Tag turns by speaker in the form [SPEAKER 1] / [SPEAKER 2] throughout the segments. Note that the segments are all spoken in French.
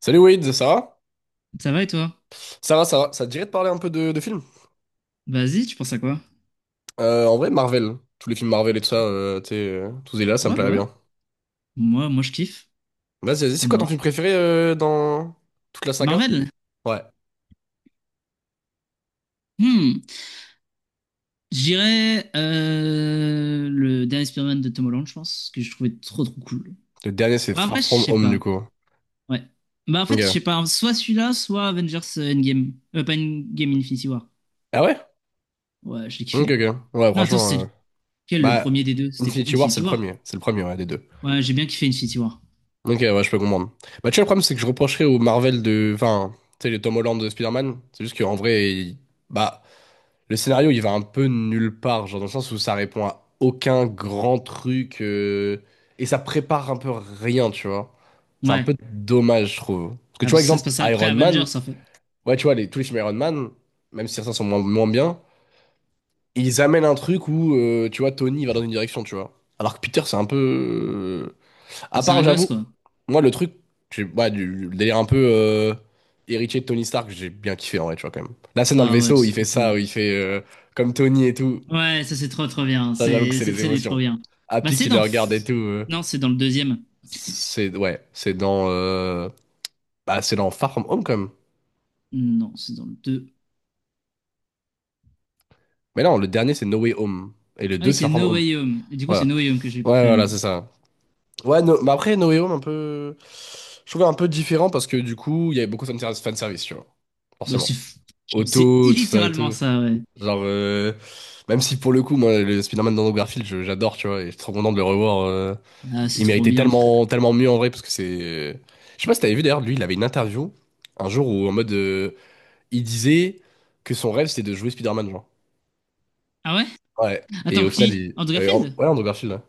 [SPEAKER 1] Salut Wade, ça va?
[SPEAKER 2] Ça va et toi?
[SPEAKER 1] Ça va, ça va. Ça te dirait de parler un peu de films?
[SPEAKER 2] Vas-y, tu penses à quoi?
[SPEAKER 1] En vrai, Marvel. Tous les films Marvel et tout ça, tu sais, tous et là, ça me
[SPEAKER 2] Ouais, bah
[SPEAKER 1] plairait
[SPEAKER 2] ouais.
[SPEAKER 1] bien.
[SPEAKER 2] Moi, je kiffe.
[SPEAKER 1] Vas-y, vas-y,
[SPEAKER 2] Ça
[SPEAKER 1] c'est
[SPEAKER 2] me
[SPEAKER 1] quoi ton
[SPEAKER 2] va.
[SPEAKER 1] film préféré dans toute la saga?
[SPEAKER 2] Marvel?
[SPEAKER 1] Ouais.
[SPEAKER 2] Hmm. Je dirais le dernier Spider-Man de Tom Holland, je pense, que je trouvais trop trop cool.
[SPEAKER 1] Le dernier, c'est
[SPEAKER 2] Bah,
[SPEAKER 1] Far
[SPEAKER 2] après, je
[SPEAKER 1] From
[SPEAKER 2] sais
[SPEAKER 1] Home, du
[SPEAKER 2] pas.
[SPEAKER 1] coup.
[SPEAKER 2] Ouais. Bah, en fait, je
[SPEAKER 1] Ok.
[SPEAKER 2] sais pas. Soit celui-là, soit Avengers Endgame. Pas Endgame, Infinity War.
[SPEAKER 1] Ah ouais?
[SPEAKER 2] Ouais, je l'ai
[SPEAKER 1] Ok,
[SPEAKER 2] kiffé.
[SPEAKER 1] ok. Ouais,
[SPEAKER 2] Non, attends,
[SPEAKER 1] franchement.
[SPEAKER 2] c'était lequel le premier
[SPEAKER 1] Bah,
[SPEAKER 2] des deux? C'était
[SPEAKER 1] Infinity War, c'est
[SPEAKER 2] Infinity
[SPEAKER 1] le
[SPEAKER 2] War.
[SPEAKER 1] premier. C'est le premier, ouais, des deux.
[SPEAKER 2] Ouais, j'ai bien kiffé Infinity War.
[SPEAKER 1] Ok, ouais, je peux comprendre. Bah, tu vois, le problème, c'est que je reprocherais au Marvel de. Enfin, tu sais, les Tom Holland de Spider-Man. C'est juste qu'en vrai, bah. Le scénario, il va un peu nulle part, genre dans le sens où ça répond à aucun grand truc, et ça prépare un peu rien, tu vois. C'est un
[SPEAKER 2] Ouais.
[SPEAKER 1] peu dommage, je trouve. Parce que
[SPEAKER 2] Ah,
[SPEAKER 1] tu vois,
[SPEAKER 2] parce que ça se
[SPEAKER 1] exemple,
[SPEAKER 2] passe après
[SPEAKER 1] Iron
[SPEAKER 2] Avengers,
[SPEAKER 1] Man,
[SPEAKER 2] en fait.
[SPEAKER 1] ouais, tu vois, les, tous les films Iron Man, même si certains sont moins, moins bien, ils amènent un truc où, tu vois, Tony va dans une direction, tu vois. Alors que Peter, c'est un peu. À
[SPEAKER 2] C'est
[SPEAKER 1] part,
[SPEAKER 2] un gosse,
[SPEAKER 1] j'avoue,
[SPEAKER 2] quoi.
[SPEAKER 1] moi, le truc, ouais, du délire un peu héritier de Tony Stark, j'ai bien kiffé en vrai, tu vois, quand même. La scène dans le
[SPEAKER 2] Ah ouais,
[SPEAKER 1] vaisseau où
[SPEAKER 2] c'est
[SPEAKER 1] il fait
[SPEAKER 2] trop
[SPEAKER 1] ça,
[SPEAKER 2] cool.
[SPEAKER 1] où il fait comme Tony et tout.
[SPEAKER 2] Ouais, ça c'est trop trop bien.
[SPEAKER 1] Ça, j'avoue que
[SPEAKER 2] C'est
[SPEAKER 1] c'est
[SPEAKER 2] cette
[SPEAKER 1] les
[SPEAKER 2] scène est trop
[SPEAKER 1] émotions.
[SPEAKER 2] bien. Bah
[SPEAKER 1] Happy
[SPEAKER 2] c'est
[SPEAKER 1] qui le
[SPEAKER 2] dans
[SPEAKER 1] regarde et tout.
[SPEAKER 2] Non c'est dans le deuxième.
[SPEAKER 1] C'est ouais, c'est dans bah c'est dans Far From Home quand même.
[SPEAKER 2] Non c'est dans le deux.
[SPEAKER 1] Mais non, le dernier c'est No Way Home et le
[SPEAKER 2] Ah
[SPEAKER 1] deux
[SPEAKER 2] oui
[SPEAKER 1] c'est
[SPEAKER 2] c'est
[SPEAKER 1] Far From
[SPEAKER 2] No
[SPEAKER 1] Home.
[SPEAKER 2] Way Home. Et du coup c'est
[SPEAKER 1] Voilà.
[SPEAKER 2] No Way Home que j'ai
[SPEAKER 1] Ouais,
[SPEAKER 2] préféré
[SPEAKER 1] voilà,
[SPEAKER 2] moi.
[SPEAKER 1] c'est ça. Ouais, mais après No Way Home un peu je trouvais un peu différent parce que du coup, il y avait beaucoup de fan service, tu vois.
[SPEAKER 2] Bah c'est
[SPEAKER 1] Forcément.
[SPEAKER 2] c'est
[SPEAKER 1] Auto, tout ça et
[SPEAKER 2] littéralement
[SPEAKER 1] tout.
[SPEAKER 2] ça ouais.
[SPEAKER 1] Genre même si pour le coup, moi le Spider-Man dans Garfield, j'adore, tu vois, et je suis trop content de le revoir
[SPEAKER 2] Ah c'est
[SPEAKER 1] il
[SPEAKER 2] trop
[SPEAKER 1] méritait
[SPEAKER 2] bien
[SPEAKER 1] tellement,
[SPEAKER 2] frère.
[SPEAKER 1] tellement mieux en vrai parce que c'est. Je sais pas si t'avais vu d'ailleurs, lui, il avait une interview un jour où en mode il disait que son rêve c'était de jouer Spider-Man, genre.
[SPEAKER 2] Ah ouais?
[SPEAKER 1] Ouais. Et
[SPEAKER 2] Attends
[SPEAKER 1] au final,
[SPEAKER 2] qui? Andrew Garfield?
[SPEAKER 1] ouais, Andrew Garfield. Ouais.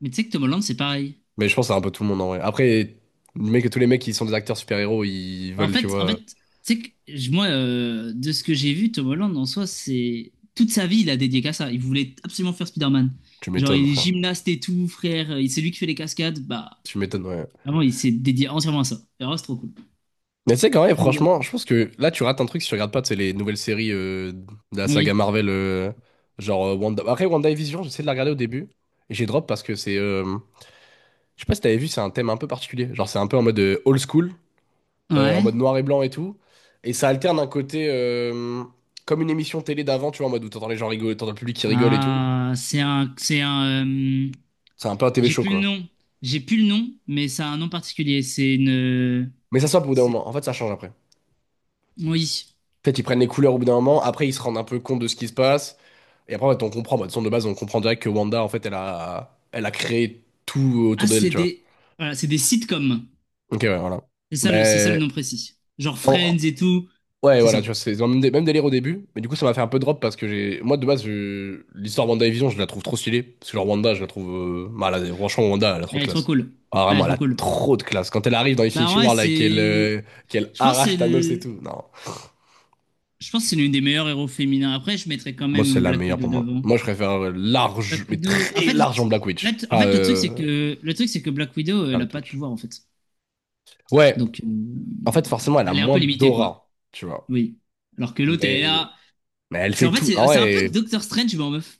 [SPEAKER 2] Mais tu sais que Tom Holland c'est pareil.
[SPEAKER 1] Mais je pense que c'est un peu tout le monde en vrai. Après, le mec, tous les mecs qui sont des acteurs super-héros, ils
[SPEAKER 2] Bah, en
[SPEAKER 1] veulent, tu
[SPEAKER 2] fait en
[SPEAKER 1] vois.
[SPEAKER 2] fait tu sais que je- moi de ce que j'ai vu Tom Holland en soi c'est toute sa vie il a dédié qu'à ça. Il voulait absolument faire Spider-Man.
[SPEAKER 1] Tu
[SPEAKER 2] Genre
[SPEAKER 1] m'étonnes,
[SPEAKER 2] il est
[SPEAKER 1] frère.
[SPEAKER 2] gymnaste et tout frère. Et c'est lui qui fait les cascades bah.
[SPEAKER 1] Tu m'étonnes, ouais.
[SPEAKER 2] Vraiment, il s'est dédié entièrement à ça. Et alors, c'est trop cool.
[SPEAKER 1] Mais tu sais, quand même,
[SPEAKER 2] J'aime bien.
[SPEAKER 1] franchement, je pense que là, tu rates un truc si tu regardes pas, tu sais, les nouvelles séries de la saga
[SPEAKER 2] Oui.
[SPEAKER 1] Marvel, genre Wanda. Après, WandaVision, j'essaie de la regarder au début. Et j'ai drop parce que c'est. Je sais pas si t'avais vu, c'est un thème un peu particulier. Genre, c'est un peu en mode old school, en
[SPEAKER 2] Ouais.
[SPEAKER 1] mode noir et blanc et tout. Et ça alterne un côté comme une émission télé d'avant, tu vois, en mode où t'entends les gens rigoler, t'entends le public qui rigole et tout.
[SPEAKER 2] Ah, c'est un, c'est un.
[SPEAKER 1] C'est un peu un TV
[SPEAKER 2] J'ai
[SPEAKER 1] show,
[SPEAKER 2] plus le
[SPEAKER 1] quoi.
[SPEAKER 2] nom. J'ai plus le nom, mais ça a un nom particulier. C'est une.
[SPEAKER 1] Mais ça stoppe au bout d'un moment.
[SPEAKER 2] C'est.
[SPEAKER 1] En fait, ça change après.
[SPEAKER 2] Oui.
[SPEAKER 1] Peut-être ils prennent les couleurs au bout d'un moment, après ils se rendent un peu compte de ce qui se passe. Et après, en fait, on comprend. Bah, de toute façon, de base, on comprend direct que Wanda, en fait, elle a créé tout
[SPEAKER 2] Ah,
[SPEAKER 1] autour d'elle,
[SPEAKER 2] c'est
[SPEAKER 1] tu vois.
[SPEAKER 2] des. Voilà, c'est des sitcoms.
[SPEAKER 1] Ok, ouais, voilà.
[SPEAKER 2] C'est ça le
[SPEAKER 1] Mais.
[SPEAKER 2] nom précis. Genre
[SPEAKER 1] en,
[SPEAKER 2] Friends et tout.
[SPEAKER 1] Ouais,
[SPEAKER 2] C'est
[SPEAKER 1] voilà, tu
[SPEAKER 2] ça.
[SPEAKER 1] vois, c'est dans le même, même délire au début, mais du coup, ça m'a fait un peu drop parce que j'ai. Moi, de base, l'histoire WandaVision, je la trouve trop stylée. Parce que genre, Wanda, je la trouve. Bah, franchement, Wanda, elle a trop
[SPEAKER 2] Elle
[SPEAKER 1] de
[SPEAKER 2] est trop
[SPEAKER 1] classe.
[SPEAKER 2] cool.
[SPEAKER 1] Ah,
[SPEAKER 2] Elle est
[SPEAKER 1] vraiment, elle
[SPEAKER 2] trop
[SPEAKER 1] a
[SPEAKER 2] cool.
[SPEAKER 1] trop de classe. Quand elle arrive dans
[SPEAKER 2] Bah
[SPEAKER 1] Infinity
[SPEAKER 2] ouais,
[SPEAKER 1] War, là, et qu'elle
[SPEAKER 2] c'est.
[SPEAKER 1] euh, qu'elle
[SPEAKER 2] Je pense que
[SPEAKER 1] arrache
[SPEAKER 2] c'est.
[SPEAKER 1] Thanos et
[SPEAKER 2] le-
[SPEAKER 1] tout. Non,
[SPEAKER 2] Je pense que c'est l'une des meilleures héros féminins. Après, je mettrais quand
[SPEAKER 1] moi, c'est
[SPEAKER 2] même
[SPEAKER 1] la
[SPEAKER 2] Black
[SPEAKER 1] meilleure
[SPEAKER 2] Widow
[SPEAKER 1] pour moi.
[SPEAKER 2] devant.
[SPEAKER 1] Moi, je préfère large,
[SPEAKER 2] Black
[SPEAKER 1] mais
[SPEAKER 2] Widow. En
[SPEAKER 1] très
[SPEAKER 2] fait,
[SPEAKER 1] large en Black Witch.
[SPEAKER 2] en
[SPEAKER 1] Enfin,
[SPEAKER 2] fait, le truc, c'est que Black Widow, elle
[SPEAKER 1] regarde la
[SPEAKER 2] n'a pas de
[SPEAKER 1] Twitch.
[SPEAKER 2] pouvoir, en fait.
[SPEAKER 1] Ouais,
[SPEAKER 2] Donc,
[SPEAKER 1] en fait, forcément, elle a
[SPEAKER 2] elle est un peu
[SPEAKER 1] moins
[SPEAKER 2] limitée, quoi.
[SPEAKER 1] d'aura, tu vois.
[SPEAKER 2] Oui. Alors que l'autre, elle est
[SPEAKER 1] Mais...
[SPEAKER 2] là.
[SPEAKER 1] mais elle
[SPEAKER 2] C'est, en
[SPEAKER 1] fait
[SPEAKER 2] fait,
[SPEAKER 1] tout. Ah
[SPEAKER 2] c'est un peu
[SPEAKER 1] ouais.
[SPEAKER 2] Doctor Strange, mais en meuf.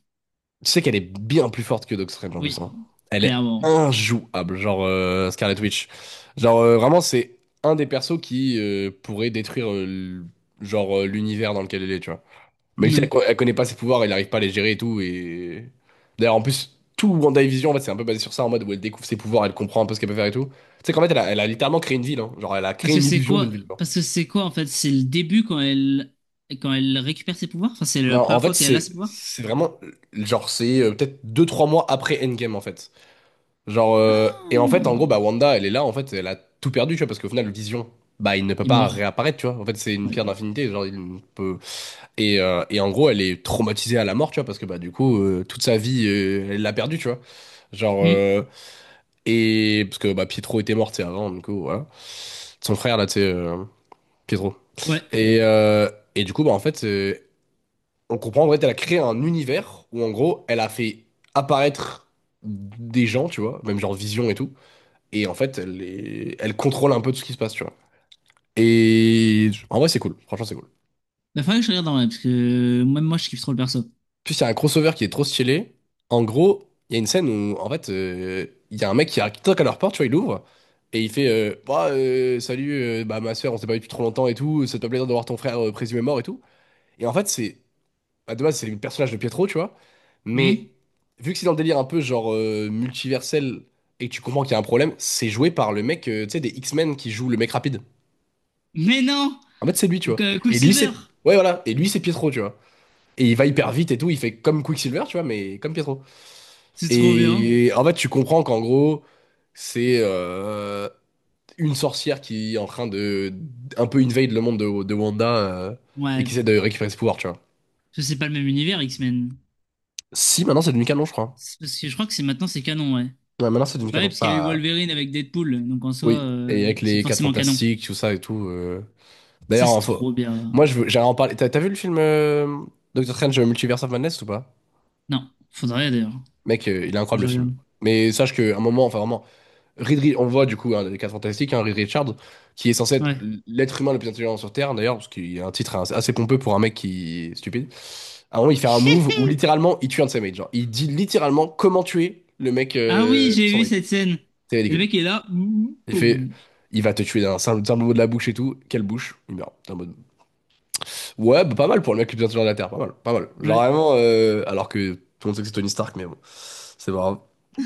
[SPEAKER 1] Tu sais qu'elle est bien plus forte que Doctor Strange en plus, hein.
[SPEAKER 2] Oui,
[SPEAKER 1] Elle est
[SPEAKER 2] clairement.
[SPEAKER 1] injouable, genre Scarlet Witch. Genre vraiment, c'est un des persos qui pourrait détruire genre l'univers dans lequel elle est, tu vois. Mais si
[SPEAKER 2] Oui.
[SPEAKER 1] elle connaît pas ses pouvoirs, elle n'arrive pas à les gérer et tout. Et d'ailleurs, en plus, tout WandaVision, en fait, c'est un peu basé sur ça, en mode où elle découvre ses pouvoirs, elle comprend un peu ce qu'elle peut faire et tout. Tu sais qu'en fait, elle a littéralement créé une ville, hein. Genre, elle a créé
[SPEAKER 2] Parce que
[SPEAKER 1] une
[SPEAKER 2] c'est
[SPEAKER 1] illusion d'une
[SPEAKER 2] quoi,
[SPEAKER 1] ville, genre.
[SPEAKER 2] parce que c'est quoi, en fait? C'est le début quand elle récupère ses pouvoirs? Enfin, c'est
[SPEAKER 1] Non,
[SPEAKER 2] la
[SPEAKER 1] en
[SPEAKER 2] première
[SPEAKER 1] fait,
[SPEAKER 2] fois qu'elle a
[SPEAKER 1] c'est
[SPEAKER 2] ses pouvoirs?
[SPEAKER 1] c'est vraiment genre c'est peut-être deux trois mois après Endgame en fait. Genre, et en fait, en gros,
[SPEAKER 2] Ah,
[SPEAKER 1] bah, Wanda, elle est là, en fait, elle a tout perdu, tu vois, parce qu'au final, Vision, bah, il ne peut
[SPEAKER 2] il est
[SPEAKER 1] pas
[SPEAKER 2] mort.
[SPEAKER 1] réapparaître, tu vois. En fait, c'est une
[SPEAKER 2] Ouais.
[SPEAKER 1] pierre d'infinité, genre, il ne peut. Et en gros, elle est traumatisée à la mort, tu vois, parce que, bah, du coup, toute sa vie, elle l'a perdue, tu vois. Genre,
[SPEAKER 2] Hmm.
[SPEAKER 1] et parce que, bah, Pietro était mort, tu sais, avant, du coup, voilà. Son frère, là, tu sais, Pietro.
[SPEAKER 2] Ouais.
[SPEAKER 1] Et, euh, et du coup, bah, en fait, on comprend, en fait, elle a créé un univers où, en gros, elle a fait apparaître des gens, tu vois, même genre Vision et tout. Et en fait, elle contrôle un peu tout ce qui se passe, tu vois. Et en vrai, c'est cool. Franchement, c'est cool.
[SPEAKER 2] Bah, faudrait que je regarde en vrai, parce que même moi, je kiffe trop le perso.
[SPEAKER 1] Puis il y a un crossover qui est trop stylé. En gros, il y a une scène où, en fait, il y a un mec qui toque à leur porte, tu vois, il ouvre. Et il fait bah, salut, bah, ma soeur, on s'est pas vu depuis trop longtemps et tout. Ça te fait plaisir de voir ton frère présumé mort et tout. Et en fait, c'est. Bah, de base, c'est le personnage de Pietro, tu vois. Mais
[SPEAKER 2] Hmm.
[SPEAKER 1] vu que c'est dans le délire un peu genre multiversel et que tu comprends qu'il y a un problème, c'est joué par le mec, tu sais, des X-Men qui joue le mec rapide.
[SPEAKER 2] Mais non!
[SPEAKER 1] En fait, c'est lui, tu vois.
[SPEAKER 2] Qu-
[SPEAKER 1] Et lui,
[SPEAKER 2] Quicksilver,
[SPEAKER 1] c'est. Ouais, voilà. Et lui, c'est Pietro, tu vois. Et il va hyper vite et tout. Il fait comme Quicksilver, tu vois, mais comme Pietro.
[SPEAKER 2] c'est trop bien.
[SPEAKER 1] Et en fait, tu comprends qu'en gros, c'est une sorcière qui est en train de. Un peu invade le monde de Wanda et qui
[SPEAKER 2] Ouais,
[SPEAKER 1] essaie de récupérer ce pouvoir, tu vois.
[SPEAKER 2] ça c'est pas le même univers X-Men.
[SPEAKER 1] Si, maintenant, c'est devenu canon, je crois.
[SPEAKER 2] C'est parce que je crois que c'est maintenant c'est canon, ouais.
[SPEAKER 1] Ouais, maintenant, c'est devenu
[SPEAKER 2] Bah ouais,
[SPEAKER 1] canon.
[SPEAKER 2] parce qu'il y a eu
[SPEAKER 1] Pas.
[SPEAKER 2] Wolverine avec Deadpool, donc en soi
[SPEAKER 1] Oui. Et avec
[SPEAKER 2] c'est
[SPEAKER 1] les 4
[SPEAKER 2] forcément canon.
[SPEAKER 1] Fantastiques, tout ça et tout.
[SPEAKER 2] Ça
[SPEAKER 1] D'ailleurs,
[SPEAKER 2] c'est trop bien.
[SPEAKER 1] moi, je veux... j'allais en parler. T'as vu le film Doctor Strange Multiverse of Madness ou pas?
[SPEAKER 2] Non, faudrait d'ailleurs. Faut
[SPEAKER 1] Mec, il est
[SPEAKER 2] que
[SPEAKER 1] incroyable
[SPEAKER 2] je
[SPEAKER 1] le film.
[SPEAKER 2] regarde.
[SPEAKER 1] Mais sache qu'à un moment, enfin vraiment, on le voit du coup, hein, dans les 4 Fantastiques, hein, Reed Richards, qui est censé être
[SPEAKER 2] Ouais.
[SPEAKER 1] l'être humain le plus intelligent sur Terre, d'ailleurs, parce qu'il a un titre assez assez pompeux pour un mec qui est stupide. À un moment, il fait un move où littéralement, il tue un de ses mates. Genre, il dit littéralement comment tuer le mec,
[SPEAKER 2] Ah oui, j'ai
[SPEAKER 1] son
[SPEAKER 2] vu
[SPEAKER 1] mate.
[SPEAKER 2] cette scène.
[SPEAKER 1] C'est
[SPEAKER 2] Et le
[SPEAKER 1] ridicule.
[SPEAKER 2] mec est là, boum,
[SPEAKER 1] Il fait,
[SPEAKER 2] boum.
[SPEAKER 1] il va te tuer d'un simple, simple mot de la bouche et tout. Quelle bouche? Il meurt. T'es en mode, ouais, bah, pas mal pour le mec le plus intelligent de la Terre, pas mal, pas mal. Genre
[SPEAKER 2] Ouais.
[SPEAKER 1] vraiment, alors que tout le monde sait que c'est Tony Stark, mais bon, c'est pas grave.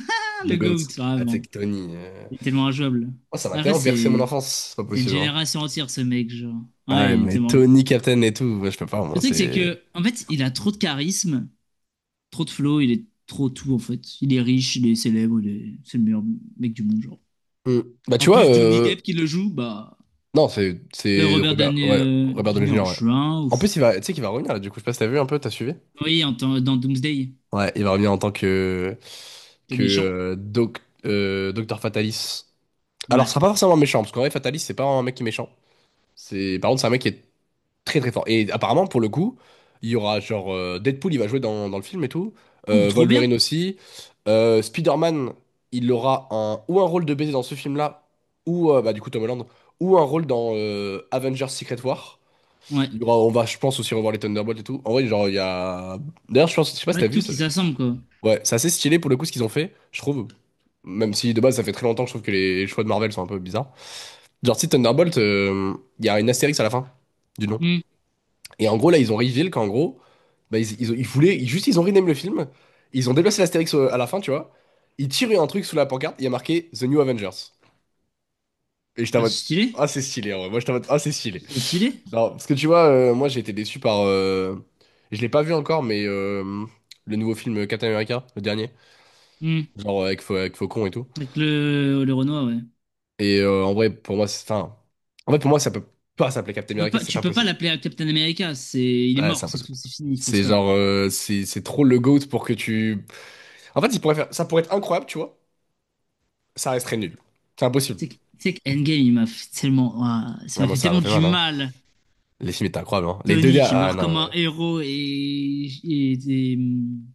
[SPEAKER 2] Ah,
[SPEAKER 1] Le
[SPEAKER 2] le
[SPEAKER 1] GOAT.
[SPEAKER 2] GOAT, ah,
[SPEAKER 1] Ah, tu
[SPEAKER 2] bon.
[SPEAKER 1] que Tony.
[SPEAKER 2] Il est tellement injouable.
[SPEAKER 1] Oh, ça m'a
[SPEAKER 2] Après
[SPEAKER 1] tellement bercé mon enfance, c'est pas
[SPEAKER 2] c'est une
[SPEAKER 1] possible, hein.
[SPEAKER 2] génération entière ce mec, genre.
[SPEAKER 1] Ah,
[SPEAKER 2] Ouais,
[SPEAKER 1] ouais,
[SPEAKER 2] il est
[SPEAKER 1] mais
[SPEAKER 2] tellement.
[SPEAKER 1] Tony, Captain et tout, ouais, je peux pas, moi,
[SPEAKER 2] Le truc c'est
[SPEAKER 1] c'est.
[SPEAKER 2] que en fait il a trop de charisme. Trop de flow, il est trop tout en fait. Il est riche, il est célèbre, il est- c'est le meilleur mec du monde, genre.
[SPEAKER 1] Hmm. Bah,
[SPEAKER 2] En
[SPEAKER 1] tu vois,
[SPEAKER 2] plus, Johnny Depp qui le joue, bah.
[SPEAKER 1] non, c'est c'est
[SPEAKER 2] Robert
[SPEAKER 1] Robert,
[SPEAKER 2] Downey
[SPEAKER 1] ouais, Robert Downey
[SPEAKER 2] Jr.,
[SPEAKER 1] Jr.,
[SPEAKER 2] je
[SPEAKER 1] ouais.
[SPEAKER 2] suis un
[SPEAKER 1] En
[SPEAKER 2] ouf.
[SPEAKER 1] plus, il va, tu sais qu'il va revenir, là, du coup, je sais pas si t'as vu un peu, t'as suivi?
[SPEAKER 2] Oui, dans Doomsday,
[SPEAKER 1] Ouais, il va revenir en tant que.
[SPEAKER 2] le
[SPEAKER 1] que
[SPEAKER 2] méchant.
[SPEAKER 1] euh, Docteur Fatalis. Alors, ce
[SPEAKER 2] Ouais.
[SPEAKER 1] sera pas forcément méchant, parce qu'en vrai, Fatalis, c'est pas un mec qui est méchant. C'est... Par contre, c'est un mec qui est très très fort. Et apparemment, pour le coup, il y aura genre Deadpool, il va jouer dans le film et tout.
[SPEAKER 2] Oh, mais trop bien!
[SPEAKER 1] Wolverine aussi. Spider-Man, il aura un, ou un rôle de baiser dans ce film-là, ou du coup Tom Holland, ou un rôle dans Avengers Secret War.
[SPEAKER 2] Ouais.
[SPEAKER 1] Il y aura, on va, je pense, aussi revoir les Thunderbolts et tout. En vrai, genre, il y a. D'ailleurs, je pense, je sais pas si
[SPEAKER 2] En
[SPEAKER 1] t'as vu
[SPEAKER 2] tout
[SPEAKER 1] ça.
[SPEAKER 2] qui s'assemble, quoi.
[SPEAKER 1] Ouais, c'est assez stylé pour le coup ce qu'ils ont fait, je trouve. Même si de base, ça fait très longtemps, que je trouve que les choix de Marvel sont un peu bizarres. Genre, si Thunderbolt, il y a une astérix à la fin du nom.
[SPEAKER 2] Hmm.
[SPEAKER 1] Et en gros, là, ils ont reveal qu'en gros, bah, ils voulaient, juste, ils ont rename le film. Ils ont déplacé l'Astérix à la fin, tu vois. Ils tiraient un truc sous la pancarte, il y a marqué The New Avengers. Et j'étais en
[SPEAKER 2] Bah, c'est
[SPEAKER 1] mode,
[SPEAKER 2] stylé.
[SPEAKER 1] ah, c'est stylé, en vrai. Moi, j'étais en mode, ah, c'est stylé.
[SPEAKER 2] C'est trop stylé.
[SPEAKER 1] Non, parce que tu vois, moi, j'ai été déçu par. Je l'ai pas vu encore, mais le nouveau film Captain America, le dernier,
[SPEAKER 2] Hmm.
[SPEAKER 1] genre avec, avec Faucon et tout.
[SPEAKER 2] Avec le Renoir, ouais.
[SPEAKER 1] Et en vrai, pour moi, c'est. Enfin, en fait, pour moi, ça peut pas s'appeler Captain America, c'est
[SPEAKER 2] Tu
[SPEAKER 1] pas
[SPEAKER 2] peux pas
[SPEAKER 1] possible.
[SPEAKER 2] l'appeler Captain America. Il est
[SPEAKER 1] Ouais, c'est
[SPEAKER 2] mort, c'est
[SPEAKER 1] impossible.
[SPEAKER 2] tout, c'est fini, il faut
[SPEAKER 1] C'est
[SPEAKER 2] stop.
[SPEAKER 1] genre, c'est trop le GOAT pour que tu. En fait, ils pourraient faire, ça pourrait être incroyable, tu vois. Ça resterait nul. C'est impossible.
[SPEAKER 2] Tu sais que Endgame, il m'a fait tellement, ah, ça
[SPEAKER 1] Ah,
[SPEAKER 2] m'a
[SPEAKER 1] moi,
[SPEAKER 2] fait
[SPEAKER 1] ça m'a
[SPEAKER 2] tellement
[SPEAKER 1] fait
[SPEAKER 2] du
[SPEAKER 1] mal, hein.
[SPEAKER 2] mal.
[SPEAKER 1] Les films étaient incroyables, hein. Les deux
[SPEAKER 2] Tony
[SPEAKER 1] derniers.
[SPEAKER 2] qui
[SPEAKER 1] Ah,
[SPEAKER 2] meurt
[SPEAKER 1] non,
[SPEAKER 2] comme un
[SPEAKER 1] mais.
[SPEAKER 2] héros et,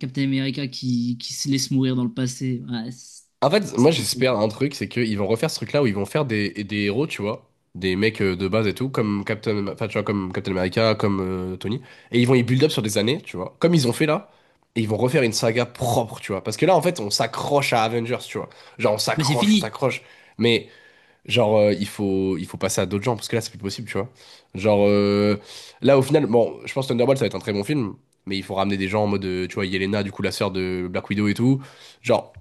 [SPEAKER 2] Captain America qui se laisse mourir dans le passé.
[SPEAKER 1] En fait, moi,
[SPEAKER 2] C'est trop trop.
[SPEAKER 1] j'espère un truc, c'est qu'ils vont refaire ce truc-là où ils vont faire des héros, tu vois. Des mecs de base et tout, comme Captain, enfin, tu vois, comme Captain America, comme Tony. Et ils vont y build up sur des années, tu vois. Comme ils ont fait là. Et ils vont refaire une saga propre, tu vois. Parce que là, en fait, on s'accroche à Avengers, tu vois. Genre, on
[SPEAKER 2] Mais c'est
[SPEAKER 1] s'accroche, on
[SPEAKER 2] fini,
[SPEAKER 1] s'accroche. Mais genre, il faut passer à d'autres gens, parce que là, c'est plus possible, tu vois. Genre, là, au final, bon, je pense que Thunderbolt, ça va être un très bon film, mais il faut ramener des gens en mode, tu vois, Yelena, du coup, la sœur de Black Widow et tout. Genre,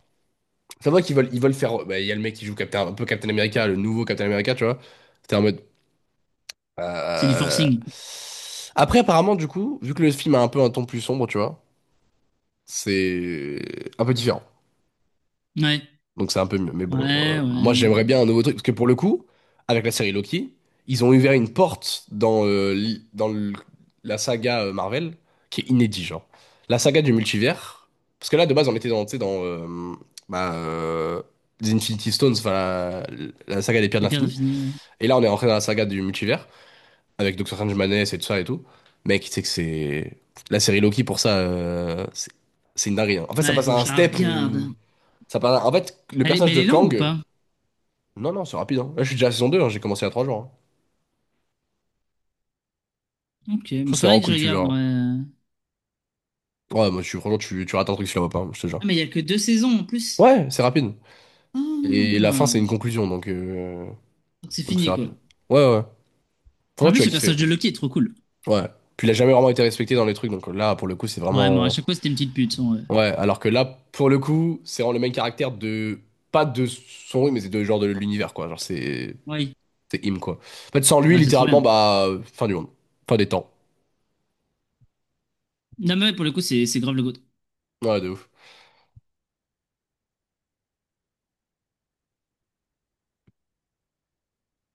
[SPEAKER 1] ça voit qu'ils veulent, ils veulent faire. Bah, il y a le mec qui joue Captain, un peu Captain America, le nouveau Captain America, tu vois. C'était en mode.
[SPEAKER 2] c'est du
[SPEAKER 1] euh,
[SPEAKER 2] forcing.
[SPEAKER 1] Après, apparemment, du coup, vu que le film a un peu un ton plus sombre, tu vois, c'est un peu différent.
[SPEAKER 2] Ouais,
[SPEAKER 1] Donc c'est un peu mieux. Mais bon,
[SPEAKER 2] ouais, ouais,
[SPEAKER 1] moi j'aimerais
[SPEAKER 2] mais
[SPEAKER 1] bien un nouveau truc. Parce que pour le coup, avec la série Loki, ils ont ouvert une porte dans, dans la saga Marvel qui est inédite, genre. La saga du multivers. Parce que là, de base, on était dans, tu sais, dans bah, euh, les Infinity Stones, enfin la saga des pierres de
[SPEAKER 2] les pierres
[SPEAKER 1] l'infini.
[SPEAKER 2] d'infini, ouais.
[SPEAKER 1] Et là, on est rentré dans la saga du multivers avec Doctor Strange Madness et tout ça et tout. Mec, tu sais que c'est. La série Loki, pour ça, c'est une dinguerie, hein. En fait, ça
[SPEAKER 2] Ouais, il
[SPEAKER 1] passe
[SPEAKER 2] faut que
[SPEAKER 1] à un
[SPEAKER 2] je la
[SPEAKER 1] step
[SPEAKER 2] regarde.
[SPEAKER 1] où. Ça passe à. En fait, le
[SPEAKER 2] Elle est-
[SPEAKER 1] personnage
[SPEAKER 2] mais elle
[SPEAKER 1] de
[SPEAKER 2] est longue ou
[SPEAKER 1] Kang.
[SPEAKER 2] pas?
[SPEAKER 1] Non, non, c'est rapide, hein. Là, je suis déjà à la saison deux, hein, j'ai commencé il y a 3 jours, hein.
[SPEAKER 2] Ok,
[SPEAKER 1] Je
[SPEAKER 2] mais
[SPEAKER 1] trouve que c'est
[SPEAKER 2] faudrait
[SPEAKER 1] vraiment
[SPEAKER 2] que je
[SPEAKER 1] cool, tu
[SPEAKER 2] regarde,
[SPEAKER 1] verras.
[SPEAKER 2] ouais.
[SPEAKER 1] Ouais, moi, tu, franchement, tu rates un truc si tu la vois pas, hein, je te
[SPEAKER 2] Ah,
[SPEAKER 1] jure.
[SPEAKER 2] mais il y a que deux saisons en plus.
[SPEAKER 1] Ouais, c'est rapide. Et la fin, c'est
[SPEAKER 2] Ah,
[SPEAKER 1] une conclusion,
[SPEAKER 2] donc c'est
[SPEAKER 1] donc c'est
[SPEAKER 2] fini quoi.
[SPEAKER 1] rapide. Ouais, ouais.
[SPEAKER 2] En
[SPEAKER 1] Franchement, tu
[SPEAKER 2] plus,
[SPEAKER 1] vas
[SPEAKER 2] le
[SPEAKER 1] kiffer.
[SPEAKER 2] personnage de Loki est trop cool.
[SPEAKER 1] Ouais. Puis il a jamais vraiment été respecté dans les trucs, donc là, pour le coup, c'est
[SPEAKER 2] Vraiment, à
[SPEAKER 1] vraiment.
[SPEAKER 2] chaque fois c'était une petite pute. Son.
[SPEAKER 1] Ouais, alors que là, pour le coup, c'est vraiment le même caractère de. Pas de son lui, mais c'est de genre de l'univers, quoi. Genre, c'est.
[SPEAKER 2] Oui,
[SPEAKER 1] C'est him, quoi. En fait, sans lui,
[SPEAKER 2] bah c'est trop
[SPEAKER 1] littéralement,
[SPEAKER 2] bien.
[SPEAKER 1] bah. Fin du monde. Fin des temps.
[SPEAKER 2] Non, mais ouais, pour le coup, c'est grave le goût.
[SPEAKER 1] Ouais, de ouf.